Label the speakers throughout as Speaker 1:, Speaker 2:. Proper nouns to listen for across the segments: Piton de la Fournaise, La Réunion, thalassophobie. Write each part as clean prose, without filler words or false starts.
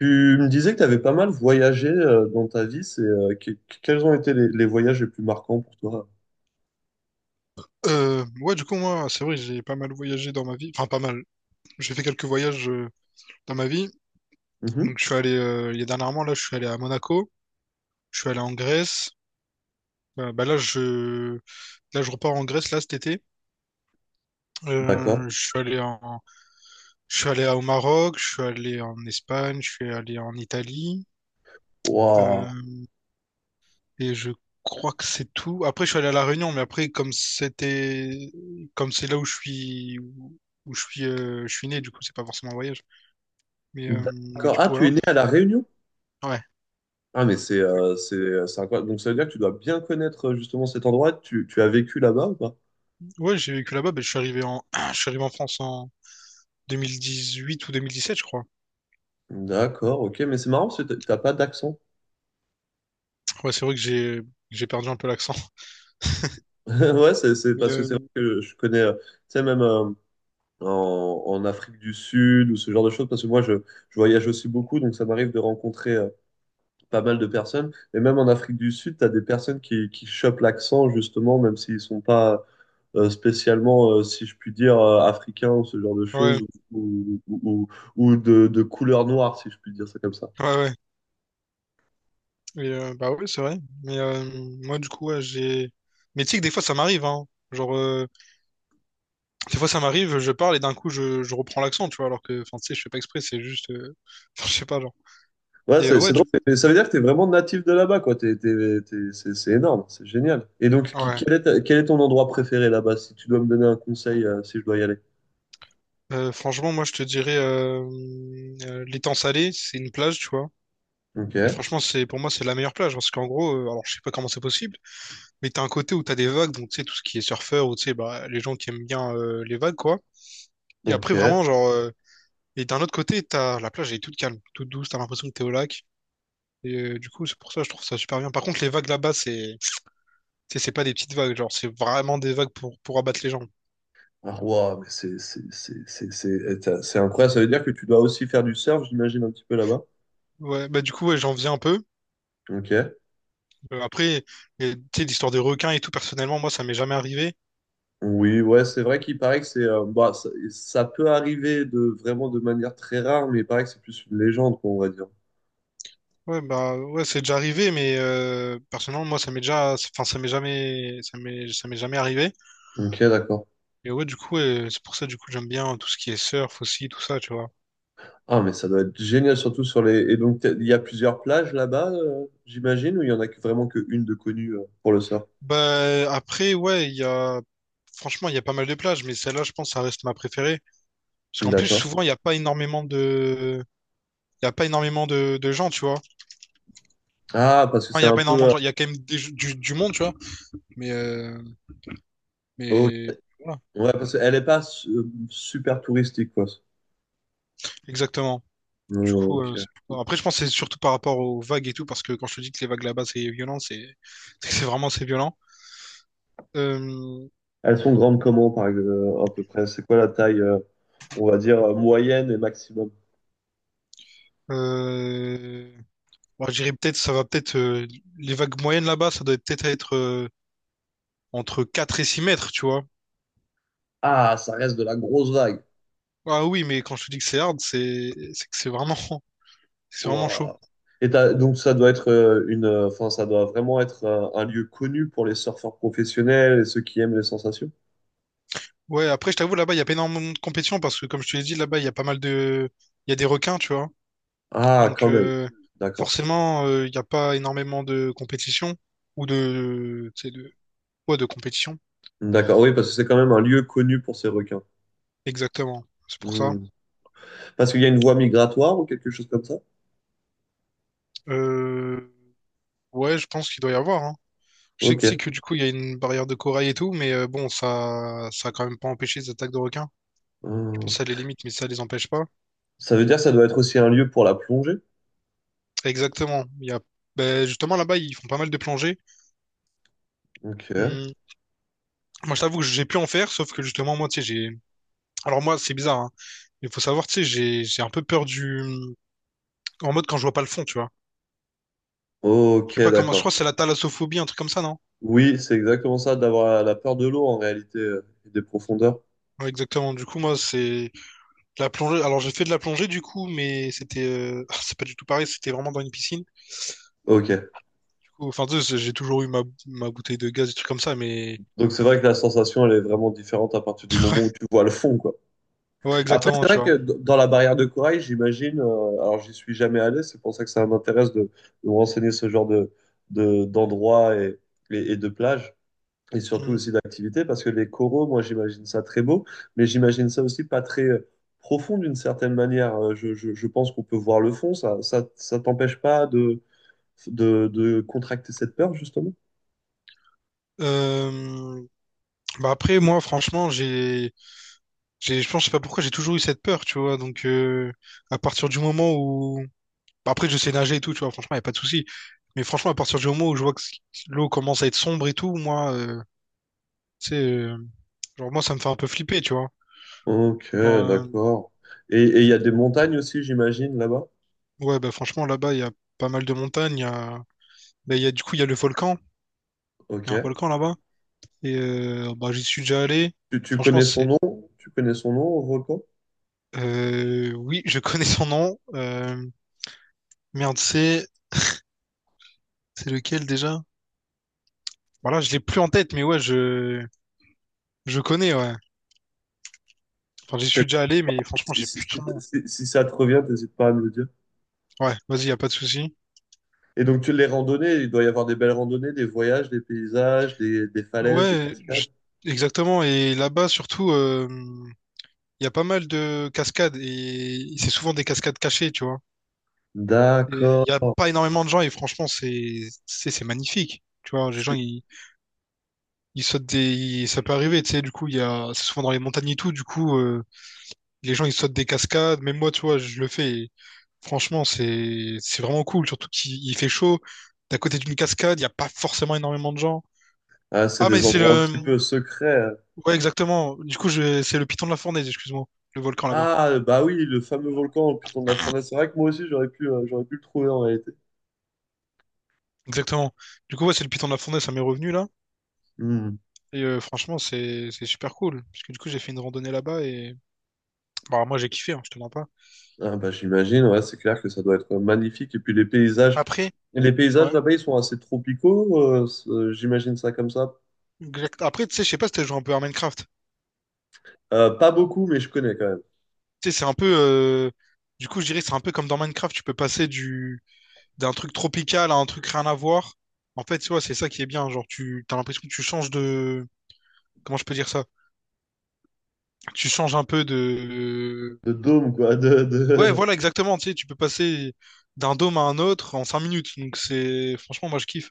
Speaker 1: Tu me disais que tu avais pas mal voyagé dans ta vie. Quels ont été les voyages les plus marquants pour toi?
Speaker 2: Ouais, du coup, moi, c'est vrai, j'ai pas mal voyagé dans ma vie. Enfin, pas mal. J'ai fait quelques voyages dans ma vie.
Speaker 1: Mhm.
Speaker 2: Donc, je suis allé, il y a dernièrement, là, je suis allé à Monaco. Je suis allé en Grèce. Bah, là, là, je repars en Grèce, là, cet été.
Speaker 1: D'accord.
Speaker 2: Euh, je suis allé en, je suis allé au Maroc. Je suis allé en Espagne. Je suis allé en Italie.
Speaker 1: Waouh.
Speaker 2: Euh, et je crois que c'est tout. Après, je suis allé à La Réunion, mais après, comme c'est là où je suis né, du coup, c'est pas forcément un voyage. Mais, euh, mais du
Speaker 1: D'accord. Ah,
Speaker 2: coup,
Speaker 1: tu es
Speaker 2: voilà.
Speaker 1: né à La Réunion?
Speaker 2: Ouais.
Speaker 1: Ah, mais c'est incroyable. Donc, ça veut dire que tu dois bien connaître justement cet endroit. Tu as vécu là-bas ou pas?
Speaker 2: Ouais, j'ai vécu là-bas, ben, je suis arrivé en... je suis arrivé en France en 2018 ou 2017, je crois.
Speaker 1: D'accord, ok. Mais c'est marrant parce que t'as pas d'accent.
Speaker 2: Ouais, c'est vrai que j'ai perdu un peu l'accent.
Speaker 1: Ouais, c'est
Speaker 2: Mais
Speaker 1: parce que c'est vrai que je connais, tu sais, même en, en Afrique du Sud ou ce genre de choses, parce que je voyage aussi beaucoup, donc ça m'arrive de rencontrer pas mal de personnes. Et même en Afrique du Sud, tu as des personnes qui chopent l'accent, justement, même s'ils sont pas spécialement, si je puis dire, africains ou ce genre de choses,
Speaker 2: ouais,
Speaker 1: ou, ou, ou, ou de couleur noire, si je puis dire ça comme ça.
Speaker 2: ouais, ouais. Et, bah ouais, c'est vrai. Mais moi, du coup, ouais, j'ai. Mais tu sais que des fois, ça m'arrive, hein. Genre, des fois, ça m'arrive, je parle et d'un coup, je reprends l'accent, tu vois, alors que, enfin, tu sais, je fais pas exprès, enfin, je sais pas, genre.
Speaker 1: Ouais,
Speaker 2: Et ouais,
Speaker 1: c'est drôle.
Speaker 2: du coup.
Speaker 1: Mais ça veut dire que tu es vraiment natif de là-bas, quoi. C'est énorme, c'est génial. Et donc,
Speaker 2: Ouais.
Speaker 1: quel est ton endroit préféré là-bas, si tu dois me donner un conseil, si je dois y aller?
Speaker 2: Franchement, moi, je te dirais, l'Étang salé, c'est une plage, tu vois.
Speaker 1: Ok,
Speaker 2: Et franchement, c'est pour moi, c'est la meilleure plage parce qu'en gros, alors je sais pas comment c'est possible, mais t'as un côté où t'as des vagues, donc tu sais, tout ce qui est surfeur ou tu sais, bah, les gens qui aiment bien les vagues, quoi. Et après,
Speaker 1: ok.
Speaker 2: vraiment, et d'un autre côté, t'as la plage, elle est toute calme, toute douce, t'as l'impression que t'es au lac. Et du coup, c'est pour ça, je trouve ça super bien. Par contre, les vagues là-bas, c'est pas des petites vagues, genre, c'est vraiment des vagues pour abattre les gens.
Speaker 1: Ah, waouh, mais c'est incroyable. Ça veut dire que tu dois aussi faire du surf, j'imagine, un petit peu là-bas.
Speaker 2: Ouais, bah du coup, ouais, j'en viens un peu.
Speaker 1: Ok.
Speaker 2: Après, et, tu sais, l'histoire des requins et tout, personnellement, moi, ça m'est jamais arrivé.
Speaker 1: Oui, ouais, c'est vrai qu'il paraît que c'est, bah, ça peut arriver de vraiment de manière très rare, mais il paraît que c'est plus une légende, quoi, on va dire.
Speaker 2: Ouais, bah, ouais, c'est déjà arrivé, mais personnellement, moi, ça m'est déjà, enfin, ça m'est jamais, ça m'est jamais arrivé.
Speaker 1: Ok, d'accord.
Speaker 2: Et ouais, du coup, c'est pour ça, du coup, j'aime bien tout ce qui est surf aussi, tout ça, tu vois.
Speaker 1: Ah, mais ça doit être génial, surtout sur les. Et donc, il y a plusieurs plages là-bas, j'imagine, ou il y en a que vraiment qu'une de connue pour le surf.
Speaker 2: Bah, après, ouais, il y a, franchement, il y a pas mal de plages, mais celle-là, je pense, ça reste ma préférée. Parce qu'en plus,
Speaker 1: D'accord.
Speaker 2: souvent, il n'y a pas énormément de, il y a pas énormément de gens, tu vois.
Speaker 1: Ah, parce que
Speaker 2: Enfin, il
Speaker 1: c'est
Speaker 2: y a
Speaker 1: un
Speaker 2: pas
Speaker 1: peu,
Speaker 2: énormément de gens, il y a quand même du monde, tu vois. Mais, euh,
Speaker 1: ok.
Speaker 2: mais, voilà,
Speaker 1: Ouais, parce qu'elle n'est pas su- super touristique, quoi.
Speaker 2: exactement.
Speaker 1: Hmm,
Speaker 2: Du coup,
Speaker 1: ok.
Speaker 2: après, je pense que c'est surtout par rapport aux vagues et tout, parce que quand je te dis que les vagues là-bas, c'est violent, c'est c'est vraiment c'est violent. Euh,
Speaker 1: Elles sont grandes comment, par exemple, à peu près? C'est quoi la taille, on va dire, moyenne et maximum?
Speaker 2: euh, bon, je dirais peut-être, ça va peut-être, les vagues moyennes là-bas, ça doit peut-être être, entre 4 et 6 mètres, tu vois.
Speaker 1: Ah, ça reste de la grosse vague.
Speaker 2: Ah oui, mais quand je te dis que c'est hard, c'est que c'est vraiment, c'est vraiment chaud.
Speaker 1: Ouah. Donc, ça doit être enfin, ça doit vraiment être un lieu connu pour les surfeurs professionnels et ceux qui aiment les sensations.
Speaker 2: Ouais, après, je t'avoue, là-bas, il y a pas énormément de compétition, parce que comme je te l'ai dit, là-bas, il y a pas mal de, il y a des requins, tu vois.
Speaker 1: Ah,
Speaker 2: Donc,
Speaker 1: quand même. D'accord.
Speaker 2: forcément, il n'y a pas énormément de compétition ou de, tu sais, de, ouais, de compétition.
Speaker 1: D'accord. Oui, parce que c'est quand même un lieu connu pour ces requins.
Speaker 2: Exactement. C'est pour ça.
Speaker 1: Hmm. Parce qu'il y a une voie migratoire ou quelque chose comme ça?
Speaker 2: Euh, ouais, je pense qu'il doit y avoir, hein. Je sais que, tu sais
Speaker 1: Ok.
Speaker 2: que du coup, il y a une barrière de corail et tout, mais bon, ça a quand même pas empêché les attaques de requins. Je
Speaker 1: Hmm.
Speaker 2: pense à les limites, mais ça les empêche pas.
Speaker 1: Ça veut dire que ça doit être aussi un lieu pour la plongée?
Speaker 2: Exactement. Il y a, ben, justement, là-bas, ils font pas mal de plongées.
Speaker 1: Ok.
Speaker 2: Hum, Moi, je t'avoue que j'ai pu en faire, sauf que justement, moi, tu sais, j'ai. Alors, moi, c'est bizarre, hein, mais faut savoir, tu sais, j'ai un peu peur du. En mode quand je vois pas le fond, tu vois. Je
Speaker 1: Ok,
Speaker 2: sais pas comment, je
Speaker 1: d'accord.
Speaker 2: crois que c'est la thalassophobie, un truc comme ça, non?
Speaker 1: Oui, c'est exactement ça, d'avoir la peur de l'eau en réalité et des profondeurs.
Speaker 2: Ouais, exactement. Du coup, moi, c'est la plongée. Alors, j'ai fait de la plongée, du coup, mais c'était, c'est pas du tout pareil. C'était vraiment dans une piscine.
Speaker 1: Ok.
Speaker 2: Du coup, enfin, tu sais, j'ai toujours eu ma bouteille de gaz, des trucs comme ça, mais
Speaker 1: Donc c'est vrai que la sensation, elle est vraiment différente à partir du moment où tu vois le fond, quoi.
Speaker 2: ouais,
Speaker 1: Après,
Speaker 2: exactement,
Speaker 1: c'est
Speaker 2: tu
Speaker 1: vrai
Speaker 2: vois.
Speaker 1: que dans la barrière de corail, j'imagine, alors j'y suis jamais allé, c'est pour ça que ça m'intéresse de me renseigner ce genre d'endroits et de plages, et surtout
Speaker 2: Mm.
Speaker 1: aussi d'activités, parce que les coraux, moi j'imagine ça très beau, mais j'imagine ça aussi pas très profond d'une certaine manière. Je pense qu'on peut voir le fond, ça t'empêche pas de contracter cette peur, justement?
Speaker 2: Euh, Bah après, moi, franchement, je pense, je sais pas pourquoi, j'ai toujours eu cette peur, tu vois. Donc, à partir du moment où, bah, après, je sais nager et tout, tu vois. Franchement, y a pas de souci. Mais franchement, à partir du moment où je vois que l'eau commence à être sombre et tout, moi, tu sais. Genre, moi, ça me fait un peu flipper, tu vois.
Speaker 1: Ok,
Speaker 2: Genre,
Speaker 1: d'accord. Et il y a des montagnes aussi, j'imagine, là-bas?
Speaker 2: ouais, bah, franchement, là-bas, il y a pas mal de montagnes. Il y a, bah, il y a, du coup, il y a le volcan. Il
Speaker 1: Ok.
Speaker 2: y a un volcan là-bas. Et bah, j'y suis déjà allé.
Speaker 1: Tu
Speaker 2: Franchement,
Speaker 1: connais son
Speaker 2: c'est.
Speaker 1: nom? Tu connais son nom au volcan?
Speaker 2: Oui, je connais son nom. Merde, c'est. C'est lequel déjà? Voilà, je l'ai plus en tête, mais ouais, je. Je connais, ouais. Enfin, j'y suis déjà allé, mais franchement, j'ai plus son nom.
Speaker 1: Si ça te revient, n'hésite pas à me le dire.
Speaker 2: Ouais, vas-y, y a pas de souci.
Speaker 1: Et donc, tu les randonnées, il doit y avoir des belles randonnées, des voyages, des paysages, des falaises, des
Speaker 2: Ouais,
Speaker 1: cascades.
Speaker 2: exactement. Et là-bas, surtout, il y a pas mal de cascades et c'est souvent des cascades cachées, tu vois. Il n'y a
Speaker 1: D'accord.
Speaker 2: pas énormément de gens et franchement, c'est magnifique. Tu vois, les gens,
Speaker 1: C'est
Speaker 2: ils sautent ça peut arriver, tu sais, du coup, il y a. C'est souvent dans les montagnes et tout, du coup, les gens, ils sautent des cascades. Même moi, tu vois, je le fais. Et franchement, c'est vraiment cool, surtout qu'il il fait chaud. D'à côté d'une cascade, il n'y a pas forcément énormément de gens.
Speaker 1: ah, c'est
Speaker 2: Ah, mais
Speaker 1: des
Speaker 2: c'est
Speaker 1: endroits un
Speaker 2: le.
Speaker 1: petit peu secrets, hein.
Speaker 2: Ouais, exactement. C'est le Piton de la Fournaise, excuse-moi. Le volcan là-bas.
Speaker 1: Ah, bah oui, le fameux volcan au Piton de la Fournaise. C'est vrai que moi aussi, j'aurais pu le trouver en réalité.
Speaker 2: Exactement. Du coup, ouais, c'est le Piton de la Fournaise, ça m'est revenu là.
Speaker 1: Hmm.
Speaker 2: Et franchement, c'est super cool. Parce que du coup, j'ai fait une randonnée là-bas et. Bah, moi, j'ai kiffé, hein, je te mens pas.
Speaker 1: Ah bah, j'imagine, ouais, c'est clair que ça doit être magnifique. Et puis
Speaker 2: Après,
Speaker 1: les paysages
Speaker 2: ouais.
Speaker 1: là-bas, ils sont assez tropicaux, j'imagine ça comme ça.
Speaker 2: Après, tu sais, je sais pas si t'as joué un peu à Minecraft.
Speaker 1: Pas beaucoup, mais je connais quand même.
Speaker 2: Tu sais, c'est un peu. Du coup, je dirais que c'est un peu comme dans Minecraft, tu peux passer du d'un truc tropical à un truc rien à voir. En fait, tu vois, c'est ça qui est bien. Genre, tu t'as l'impression que tu changes de. Comment je peux dire ça? Tu changes un peu de.
Speaker 1: De dôme, quoi.
Speaker 2: Ouais,
Speaker 1: De...
Speaker 2: voilà, exactement. Tu sais, tu peux passer d'un dôme à un autre en 5 minutes. Donc, c'est. Franchement, moi, je kiffe.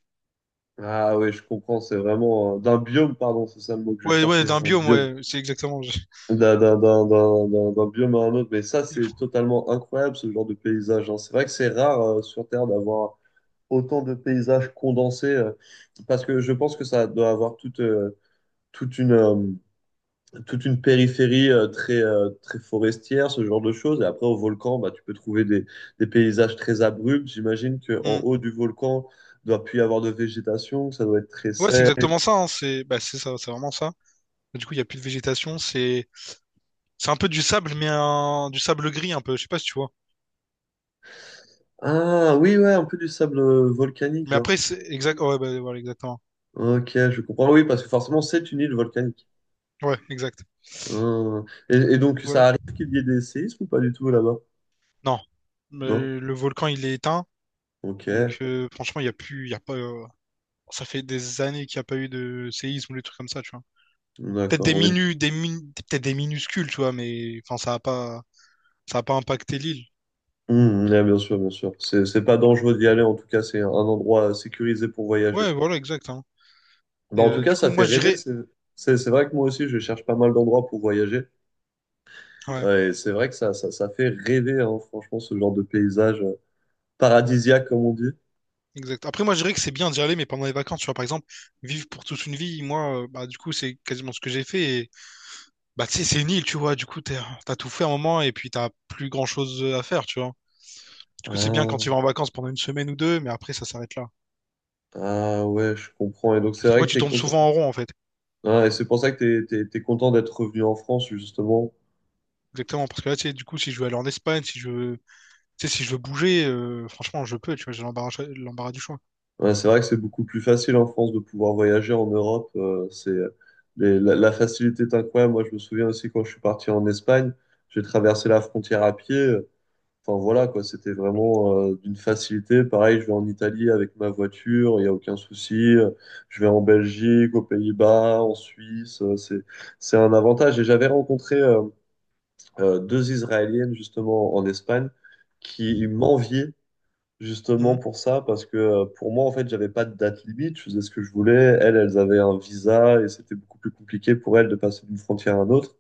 Speaker 1: Ah oui, je comprends, c'est vraiment... d'un biome, pardon, c'est ça le mot que je
Speaker 2: Ouais, ouais,
Speaker 1: cherchais,
Speaker 2: d'un
Speaker 1: un
Speaker 2: biome,
Speaker 1: biome.
Speaker 2: ouais, c'est exactement.
Speaker 1: D'un biome à un autre. Mais ça, c'est totalement incroyable, ce genre de paysage, hein. C'est vrai que c'est rare sur Terre d'avoir autant de paysages condensés, parce que je pense que ça doit avoir toute une... euh, toute une périphérie très, très forestière, ce genre de choses. Et après, au volcan, bah, tu peux trouver des paysages très abrupts. J'imagine qu'en
Speaker 2: Hmm.
Speaker 1: haut du volcan, il doit plus y avoir de végétation, que ça doit être très
Speaker 2: Ouais, c'est
Speaker 1: sec.
Speaker 2: exactement ça, hein. C'est bah, c'est ça, c'est vraiment ça. Du coup, il y a plus de végétation, c'est un peu du sable, mais un. Du sable gris un peu, je sais pas si tu vois.
Speaker 1: Ah oui, ouais, un peu du sable volcanique,
Speaker 2: Mais
Speaker 1: genre.
Speaker 2: après, c'est exact. Ouais, bah, voilà, exactement.
Speaker 1: Ok, je comprends. Oui, parce que forcément, c'est une île volcanique.
Speaker 2: Ouais, exact.
Speaker 1: Ah. Et donc,
Speaker 2: Voilà.
Speaker 1: ça arrive qu'il y ait des séismes ou pas du tout là-bas?
Speaker 2: Non.
Speaker 1: Non?
Speaker 2: Mais le volcan il est éteint,
Speaker 1: Ok,
Speaker 2: donc franchement, il y a plus, il y a pas. Ça fait des années qu'il n'y a pas eu de séisme ou des trucs comme ça, tu vois. Peut-être
Speaker 1: d'accord.
Speaker 2: des
Speaker 1: Oui.
Speaker 2: minu, des min- peut-être des minuscules, tu vois, mais enfin, ça a pas impacté l'île.
Speaker 1: Hmm, ouais, bien sûr, bien sûr. C'est pas dangereux d'y aller, en tout cas, c'est un endroit sécurisé pour voyager.
Speaker 2: Ouais, voilà, exact, hein.
Speaker 1: Bah,
Speaker 2: Et
Speaker 1: en tout
Speaker 2: du
Speaker 1: cas,
Speaker 2: coup,
Speaker 1: ça
Speaker 2: moi,
Speaker 1: fait
Speaker 2: je
Speaker 1: rêver.
Speaker 2: dirais.
Speaker 1: C'est vrai que moi aussi, je cherche pas mal d'endroits pour voyager.
Speaker 2: Ouais.
Speaker 1: Et c'est vrai que ça fait rêver, hein, franchement, ce genre de paysage paradisiaque, comme on dit.
Speaker 2: Exact. Après, moi, je dirais que c'est bien d'y aller, mais pendant les vacances, tu vois, par exemple, vivre pour toute une vie, moi, bah, du coup, c'est quasiment ce que j'ai fait. Et, bah, tu sais, c'est une île, tu vois, du coup, t'as tout fait un moment et puis t'as plus grand-chose à faire, tu vois. Du coup, c'est bien quand tu vas
Speaker 1: Ah,
Speaker 2: en vacances pendant une semaine ou deux, mais après, ça s'arrête là.
Speaker 1: ah ouais, je comprends. Et donc, c'est
Speaker 2: Parce que moi,
Speaker 1: vrai que
Speaker 2: tu
Speaker 1: t'es
Speaker 2: tournes
Speaker 1: content.
Speaker 2: souvent en rond, en fait.
Speaker 1: Ah, et c'est pour ça que t'es content d'être revenu en France, justement.
Speaker 2: Exactement, parce que là, tu sais, du coup, si je veux aller en Espagne, si je veux, tu sais, si je veux bouger, franchement, je peux, tu vois, j'ai l'embarras, l'embarras du choix.
Speaker 1: Ouais, c'est vrai que c'est beaucoup plus facile en France de pouvoir voyager en Europe, la facilité est incroyable. Moi, je me souviens aussi quand je suis parti en Espagne, j'ai traversé la frontière à pied. Enfin voilà quoi, c'était vraiment d'une facilité. Pareil, je vais en Italie avec ma voiture, il n'y a aucun souci. Je vais en Belgique, aux Pays-Bas, en Suisse. C'est un avantage. Et j'avais rencontré 2 Israéliennes justement en Espagne qui m'enviaient
Speaker 2: Mhm.
Speaker 1: justement pour ça, parce que pour moi, en fait, j'avais pas de date limite, je faisais ce que je voulais. Elles avaient un visa et c'était beaucoup plus compliqué pour elles de passer d'une frontière à une autre.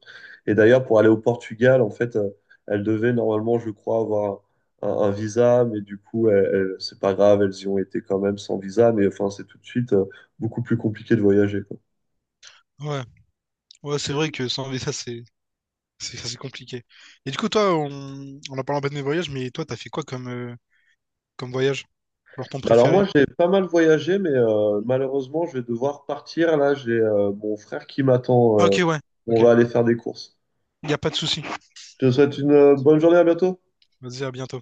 Speaker 1: Et d'ailleurs, pour aller au Portugal, en fait, elles devaient normalement, je crois, avoir un visa, mais du coup, c'est pas grave, elles y ont été quand même sans visa, mais enfin, c'est tout de suite beaucoup plus compliqué de voyager, quoi.
Speaker 2: Ouais, ouais, c'est vrai que sans ça, ça, c'est compliqué. Et du coup, toi, on a parlé un peu de mes voyages, mais toi, t'as fait quoi comme voyage? Genre ton
Speaker 1: Bah alors moi
Speaker 2: préféré?
Speaker 1: j'ai pas mal voyagé mais malheureusement je vais devoir partir là j'ai mon frère qui
Speaker 2: Ah,
Speaker 1: m'attend
Speaker 2: ok, ouais, ok.
Speaker 1: on
Speaker 2: Il
Speaker 1: va aller faire des courses.
Speaker 2: n'y a pas de souci.
Speaker 1: Je te souhaite une bonne journée, à bientôt.
Speaker 2: Vas-y, à bientôt.